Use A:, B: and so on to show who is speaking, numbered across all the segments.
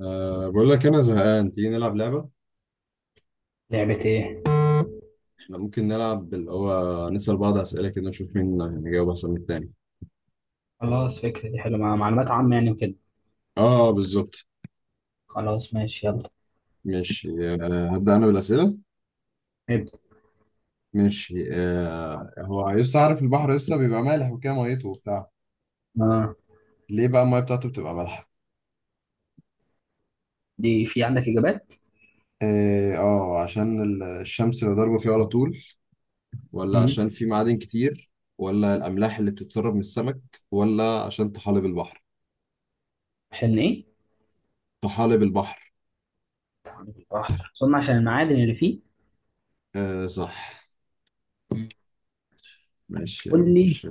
A: بقول لك أنا زهقان، تيجي نلعب لعبة.
B: لعبة ايه؟
A: إحنا ممكن نلعب اللي هو نسأل بعض أسئلة كده نشوف مين هيجاوب أحسن من التاني.
B: خلاص فكرة دي حلوة مع معلومات عامة يعني وكده.
A: آه بالظبط.
B: خلاص ماشي يلا.
A: ماشي. هبدأ أنا بالأسئلة.
B: نبدأ.
A: ماشي. هو يسطا عارف البحر يسطا بيبقى مالح وكده ميته وبتاع.
B: آه،
A: ليه بقى المية بتاعته بتبقى مالحة؟
B: دي في عندك إجابات؟
A: عشان الشمس اللي ضاربة فيه على طول، ولا
B: مم.
A: عشان في معادن كتير، ولا الأملاح اللي بتتسرب من السمك، ولا عشان طحالب البحر.
B: عشان ايه؟
A: طحالب البحر.
B: تعميد البحر أظن عشان المعادن اللي فيه.
A: آه صح.
B: مم.
A: ماشي يا عم
B: قول لي.
A: خش.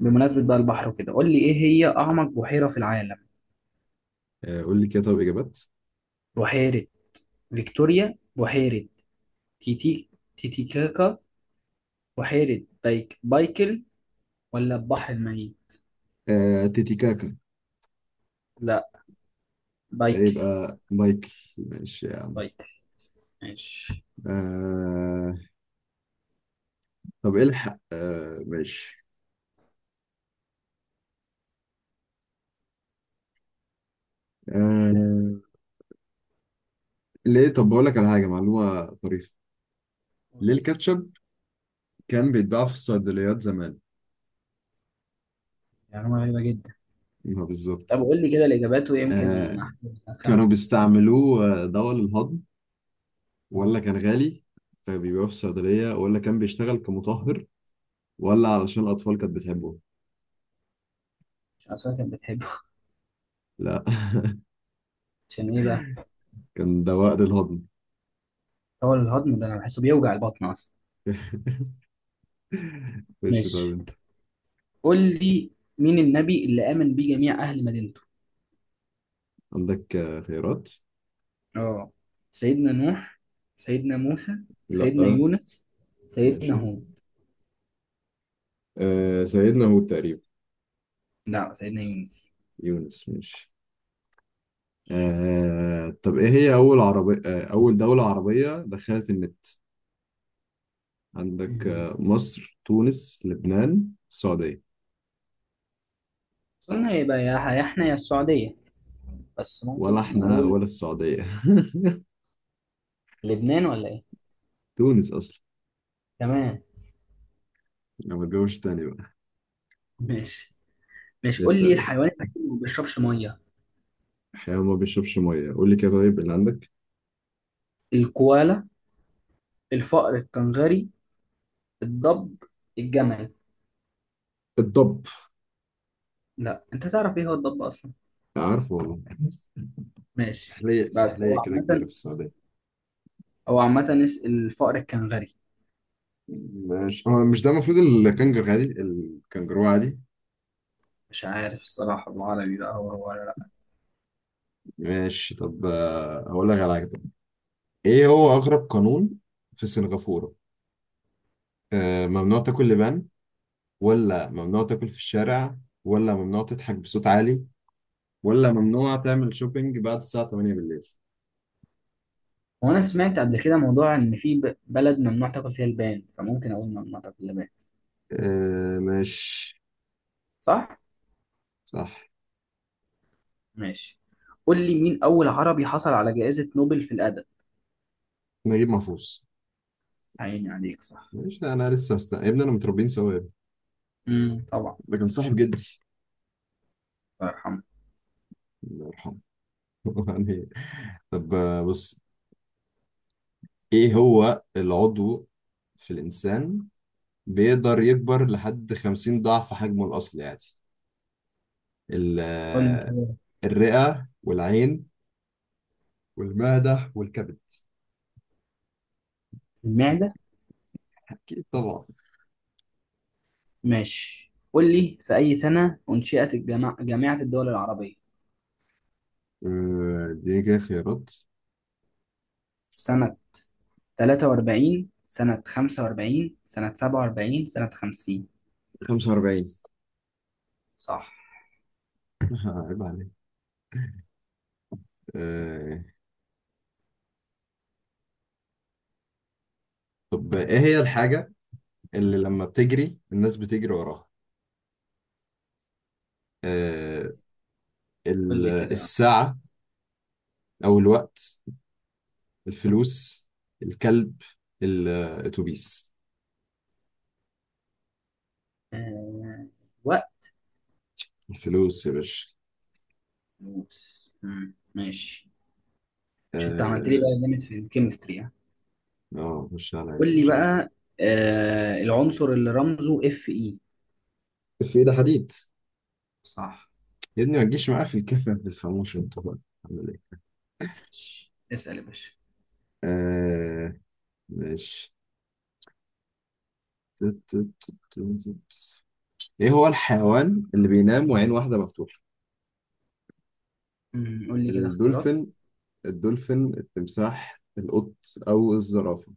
B: بمناسبة بقى البحر وكده، قول لي ايه هي أعمق بحيرة في العالم؟
A: قول لي كده طب إجابات.
B: بحيرة فيكتوريا، بحيرة تيتي تيتيكاكا، بحيرة بايكل، ولا البحر الميت؟
A: تيتيكاكا.
B: لا، بايكل.
A: يبقى مايكل. ماشي يا عم.
B: بايكل. ماشي.
A: آه. طب الحق، ماشي. آه. ليه طب بقول لك على حاجة معلومة طريفة.
B: قول
A: ليه
B: لي.
A: الكاتشب كان بيتباع في الصيدليات زمان؟
B: معلومة غريبة جدا.
A: ما
B: طب
A: بالظبط.
B: قول لي كده الإجابات ويمكن
A: آه،
B: أخمن.
A: كانوا بيستعملوه دواء للهضم،
B: آه،
A: ولا كان غالي فبيبيعوه في الصيدلية، ولا كان بيشتغل كمطهر، ولا علشان الأطفال كانت بتحبه.
B: عشان أسوأ كانت بتحبه.
A: لا.
B: عشان إيه بقى؟
A: كان دواء للهضم.
B: هو الهضم ده أنا بحسه بيوجع البطن أصلا.
A: ماشي
B: ماشي.
A: طيب.
B: قول لي، مين النبي اللي آمن بيه جميع أهل مدينته؟
A: عندك خيارات.
B: اه، سيدنا نوح، سيدنا موسى، سيدنا
A: لا.
B: يونس، سيدنا
A: ماشي.
B: هود.
A: سيدنا هود تقريبا.
B: لا، سيدنا يونس.
A: يونس ماشي. طب ايه هي اول عربية، اول دولة عربية دخلت النت. عندك
B: مم.
A: مصر، تونس، لبنان، السعودية.
B: قلنا يبقى يا احنا يا السعودية، بس
A: ولا
B: ممكن
A: احنا
B: نقول
A: ولا السعودية.
B: لبنان ولا ايه.
A: تونس اصلا.
B: تمام.
A: انا ما اتجوزش تاني بقى.
B: ماشي. ماشي، قول
A: لسه
B: لي
A: سلام.
B: الحيوان الوحيد اللي ما بيشربش مية.
A: حيوان ما بيشربش ميه، قول لي كده طيب اللي عندك.
B: الكوالا، الفأر الكنغري، الضب، الجمل.
A: الضب.
B: لا انت تعرف ايه هو الضب اصلا؟
A: عارفه والله.
B: ماشي.
A: سحلية
B: بس
A: سحلية
B: هو
A: كده كبيرة
B: عامة،
A: في السعودية.
B: الفأر الكنغري.
A: ماشي. هو مش ده المفروض الكنجر عادي، الكنجرو عادي.
B: مش عارف الصراحة بالعربي بقى هو هو ولا لا.
A: ماشي. طب هقول لك على حاجة. طب ايه هو اغرب قانون في سنغافورة؟ ممنوع تاكل لبان، ولا ممنوع تاكل في الشارع، ولا ممنوع تضحك بصوت عالي، ولا ممنوع تعمل شوبينج بعد الساعة 8 بالليل.
B: هو انا سمعت قبل كده موضوع ان في بلد ممنوع تاكل فيها البان، فممكن اقول ممنوع تاكل اللبان.
A: ماشي.
B: صح.
A: صح.
B: ماشي. قول لي، مين اول عربي حصل على جائزة نوبل في الادب؟
A: نجيب محفوظ.
B: عيني عليك، صح.
A: ماشي. انا لسه يا ابني انا متربيين سوا يا ابني.
B: امم، طبعا.
A: ده كان صاحب جدي.
B: الله يرحمه.
A: الله يرحمه. يعني. طب بص، ايه هو العضو في الانسان بيقدر يكبر لحد 50 ضعف حجمه الاصلي يعني؟ ال-
B: قول لي كده.
A: الرئة والعين والمعدة والكبد.
B: المعدة.
A: أكيد طبعا.
B: ماشي، قول لي في اي سنة انشئت الجامعة، جامعة الدول العربية؟
A: دي كده خيارات.
B: سنة تلاتة وأربعين، سنة خمسة وأربعين، سنة سبعة وأربعين، سنة خمسين.
A: 45.
B: صح.
A: عيب عليك. آه، طب إيه هي الحاجة اللي لما بتجري الناس بتجري وراها؟ آه،
B: قول
A: ال-
B: لي كده.
A: الساعة أو الوقت، الفلوس، الكلب، الأتوبيس.
B: آه... وقت.
A: الفلوس يا باشا.
B: موس، مم، ماشي. مش أنت عملت لي
A: اه.
B: بقى جامد في الكيمستري ها؟
A: خش عليا.
B: قول لي
A: طب ايه؟
B: بقى، آه... العنصر اللي رمزه اف اي.
A: في ده حديد.
B: صح.
A: يا ابني ما تجيش معايا في الكفن في الفاموشن طبعا.
B: اسأل يا باشا.
A: آه. ماشي. تت- تت- تت- تت- ايه هو الحيوان اللي بينام وعين واحدة مفتوحة؟
B: مم، قول لي كده اختيارات.
A: الدولفين، الدولفين، التمساح، القط، او الزرافة.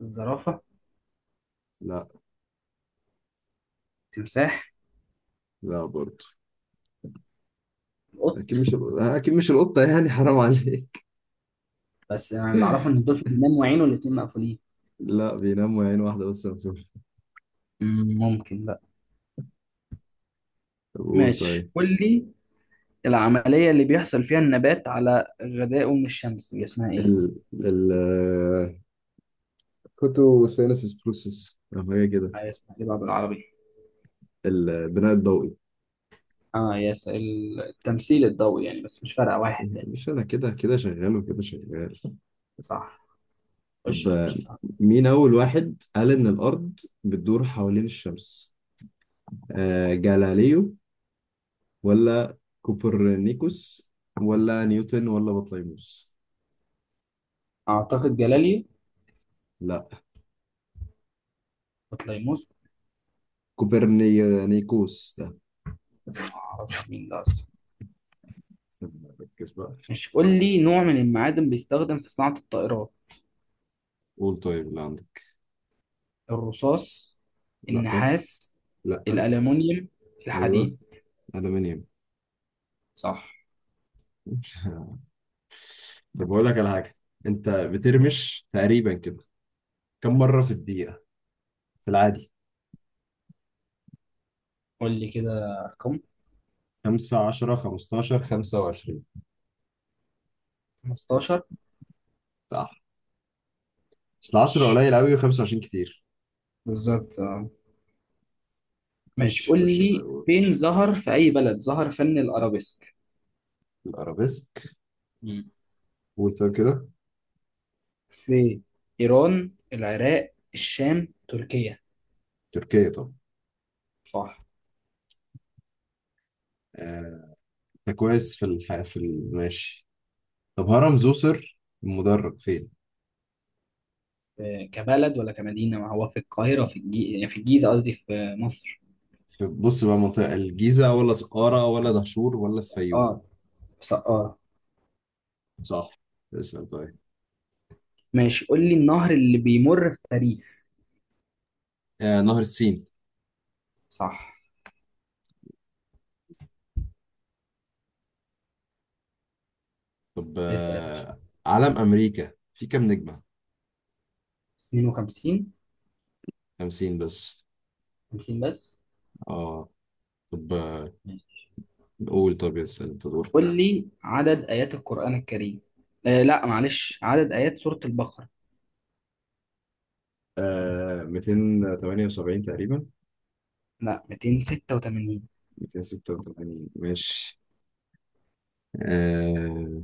B: الزرافة،
A: لا.
B: التمساح،
A: لا برضه. بس
B: القط.
A: اكيد مش، اكيد مش القطة يعني، حرام عليك.
B: بس أنا اللي أعرفه إن الدولفين بينام وعينه الاتنين مقفولين.
A: لا، بينام وعين واحدة بس مفتوحة.
B: مم، ممكن بقى.
A: طب قول
B: ماشي،
A: طيب.
B: قول لي، العملية اللي بيحصل فيها النبات على غذائه من الشمس دي اسمها إيه؟
A: ال ال كوتو سينسس بروسس او حاجة كده.
B: آه، اسمها إيه بقى بالعربي؟
A: البناء الضوئي.
B: آه يس، التمثيل الضوئي يعني بس مش فارقة واحد
A: إيه،
B: يعني.
A: مش انا كده كده شغال وكده شغال.
B: صح.
A: طب
B: خش يا باشا.
A: مين أول واحد قال إن الأرض بتدور حوالين الشمس؟ جاليليو، ولا كوبرنيكوس، ولا نيوتن، ولا بطليموس؟
B: أعتقد جلالي
A: لا،
B: وطليموس.
A: كوبرنيكوس ده.
B: معرفش مين ده أصلا.
A: طب ركز بقى.
B: مش قول لي نوع من المعادن بيستخدم في صناعة الطائرات.
A: قول طيب اللي عندك.
B: الرصاص،
A: لا.
B: النحاس،
A: لا.
B: الألمونيوم،
A: أيوه.
B: الحديد.
A: ألمنيوم.
B: صح.
A: مش- طب بقول لك على حاجة. أنت بترمش تقريبا كده كم مرة في الدقيقة في العادي؟
B: قول لي كده رقم.
A: 5، 10، 15، 25.
B: 15.
A: صح. بس 10
B: ش-
A: قليل قوي و25 كتير.
B: بالظبط. ماشي،
A: ماشي.
B: قول
A: خش طيب
B: لي
A: قول.
B: فين ظهر، في أي بلد ظهر فن الأرابيسك؟
A: الارابيسك.
B: مم.
A: قول طيب كده.
B: في إيران، العراق، الشام، تركيا.
A: تركيا طبعا.
B: صح.
A: آه، انت كويس في الح... في ال... ماشي. طب هرم زوسر المدرج فين؟
B: كبلد ولا كمدينة؟ ما هو في القاهرة، في يعني في الجيزة، قصدي في مصر.
A: في بص بقى منطقة الجيزة، ولا سقارة، ولا دهشور، ولا الفيوم.
B: اه، اه.
A: صح. اسأل طيب.
B: ماشي، قول لي النهر اللي بيمر في باريس.
A: آه نهر السين.
B: صح.
A: طب
B: اسأل يا باشا.
A: علم أمريكا في كام نجمة؟
B: 52.
A: 50 بس.
B: 50 بس.
A: اه. طب آه.
B: ماشي.
A: قول طب. اسأل انت دورك.
B: قول لي عدد آيات القرآن الكريم. آه لا معلش، عدد آيات سورة البقرة.
A: 278 تقريبا.
B: لا، 286.
A: 286 ماشي. آه،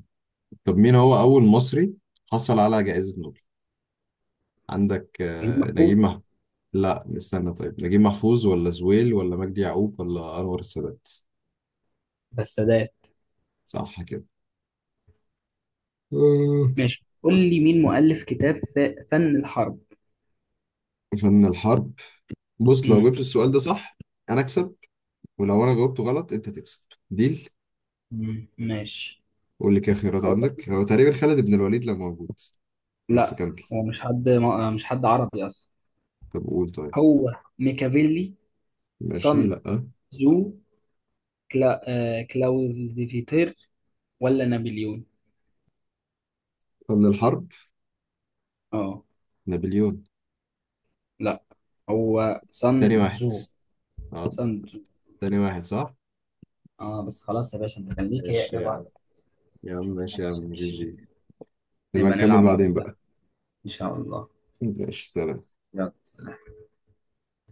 A: طب مين هو أول مصري حصل على جائزة نوبل؟ عندك
B: غريب
A: نجيب
B: محفوظ.
A: محفوظ. لا استنى، طيب نجيب محفوظ، ولا زويل، ولا مجدي يعقوب، ولا أنور السادات.
B: بالسادات.
A: صح كده. آه،
B: ماشي، قول لي مين مؤلف كتاب فن الحرب؟
A: فن الحرب. بص لو
B: مم.
A: جبت السؤال ده صح أنا أكسب، ولو أنا جاوبته غلط أنت تكسب. ديل.
B: مم. ماشي.
A: قول لي كده خيارات.
B: أقول لك،
A: عندك هو تقريبا خالد بن الوليد لو موجود. بس
B: لا،
A: كمل.
B: هو مش حد عربي أصلا.
A: طب قول طيب.
B: هو ميكافيلي،
A: ماشي
B: سون
A: لأ.
B: زو، كلا... آه... كلاوزيفيتير، ولا نابليون.
A: فن الحرب.
B: اه.
A: نابليون.
B: لا، هو سان
A: تاني واحد.
B: تزو.
A: اه.
B: سان تزو.
A: تاني واحد صح؟
B: اه بس خلاص يا باشا، أنت كان ليك هي
A: ماشي
B: إجابة
A: يا عم.
B: واحدة.
A: يا عم ماشي يا
B: ماشي يا
A: عم جي
B: باشا.
A: جي. نبقى
B: نبقى
A: نكمل
B: نلعب مرة
A: بعدين
B: تانية
A: بقى.
B: إن شاء الله.
A: ماشي سلام.
B: يلا.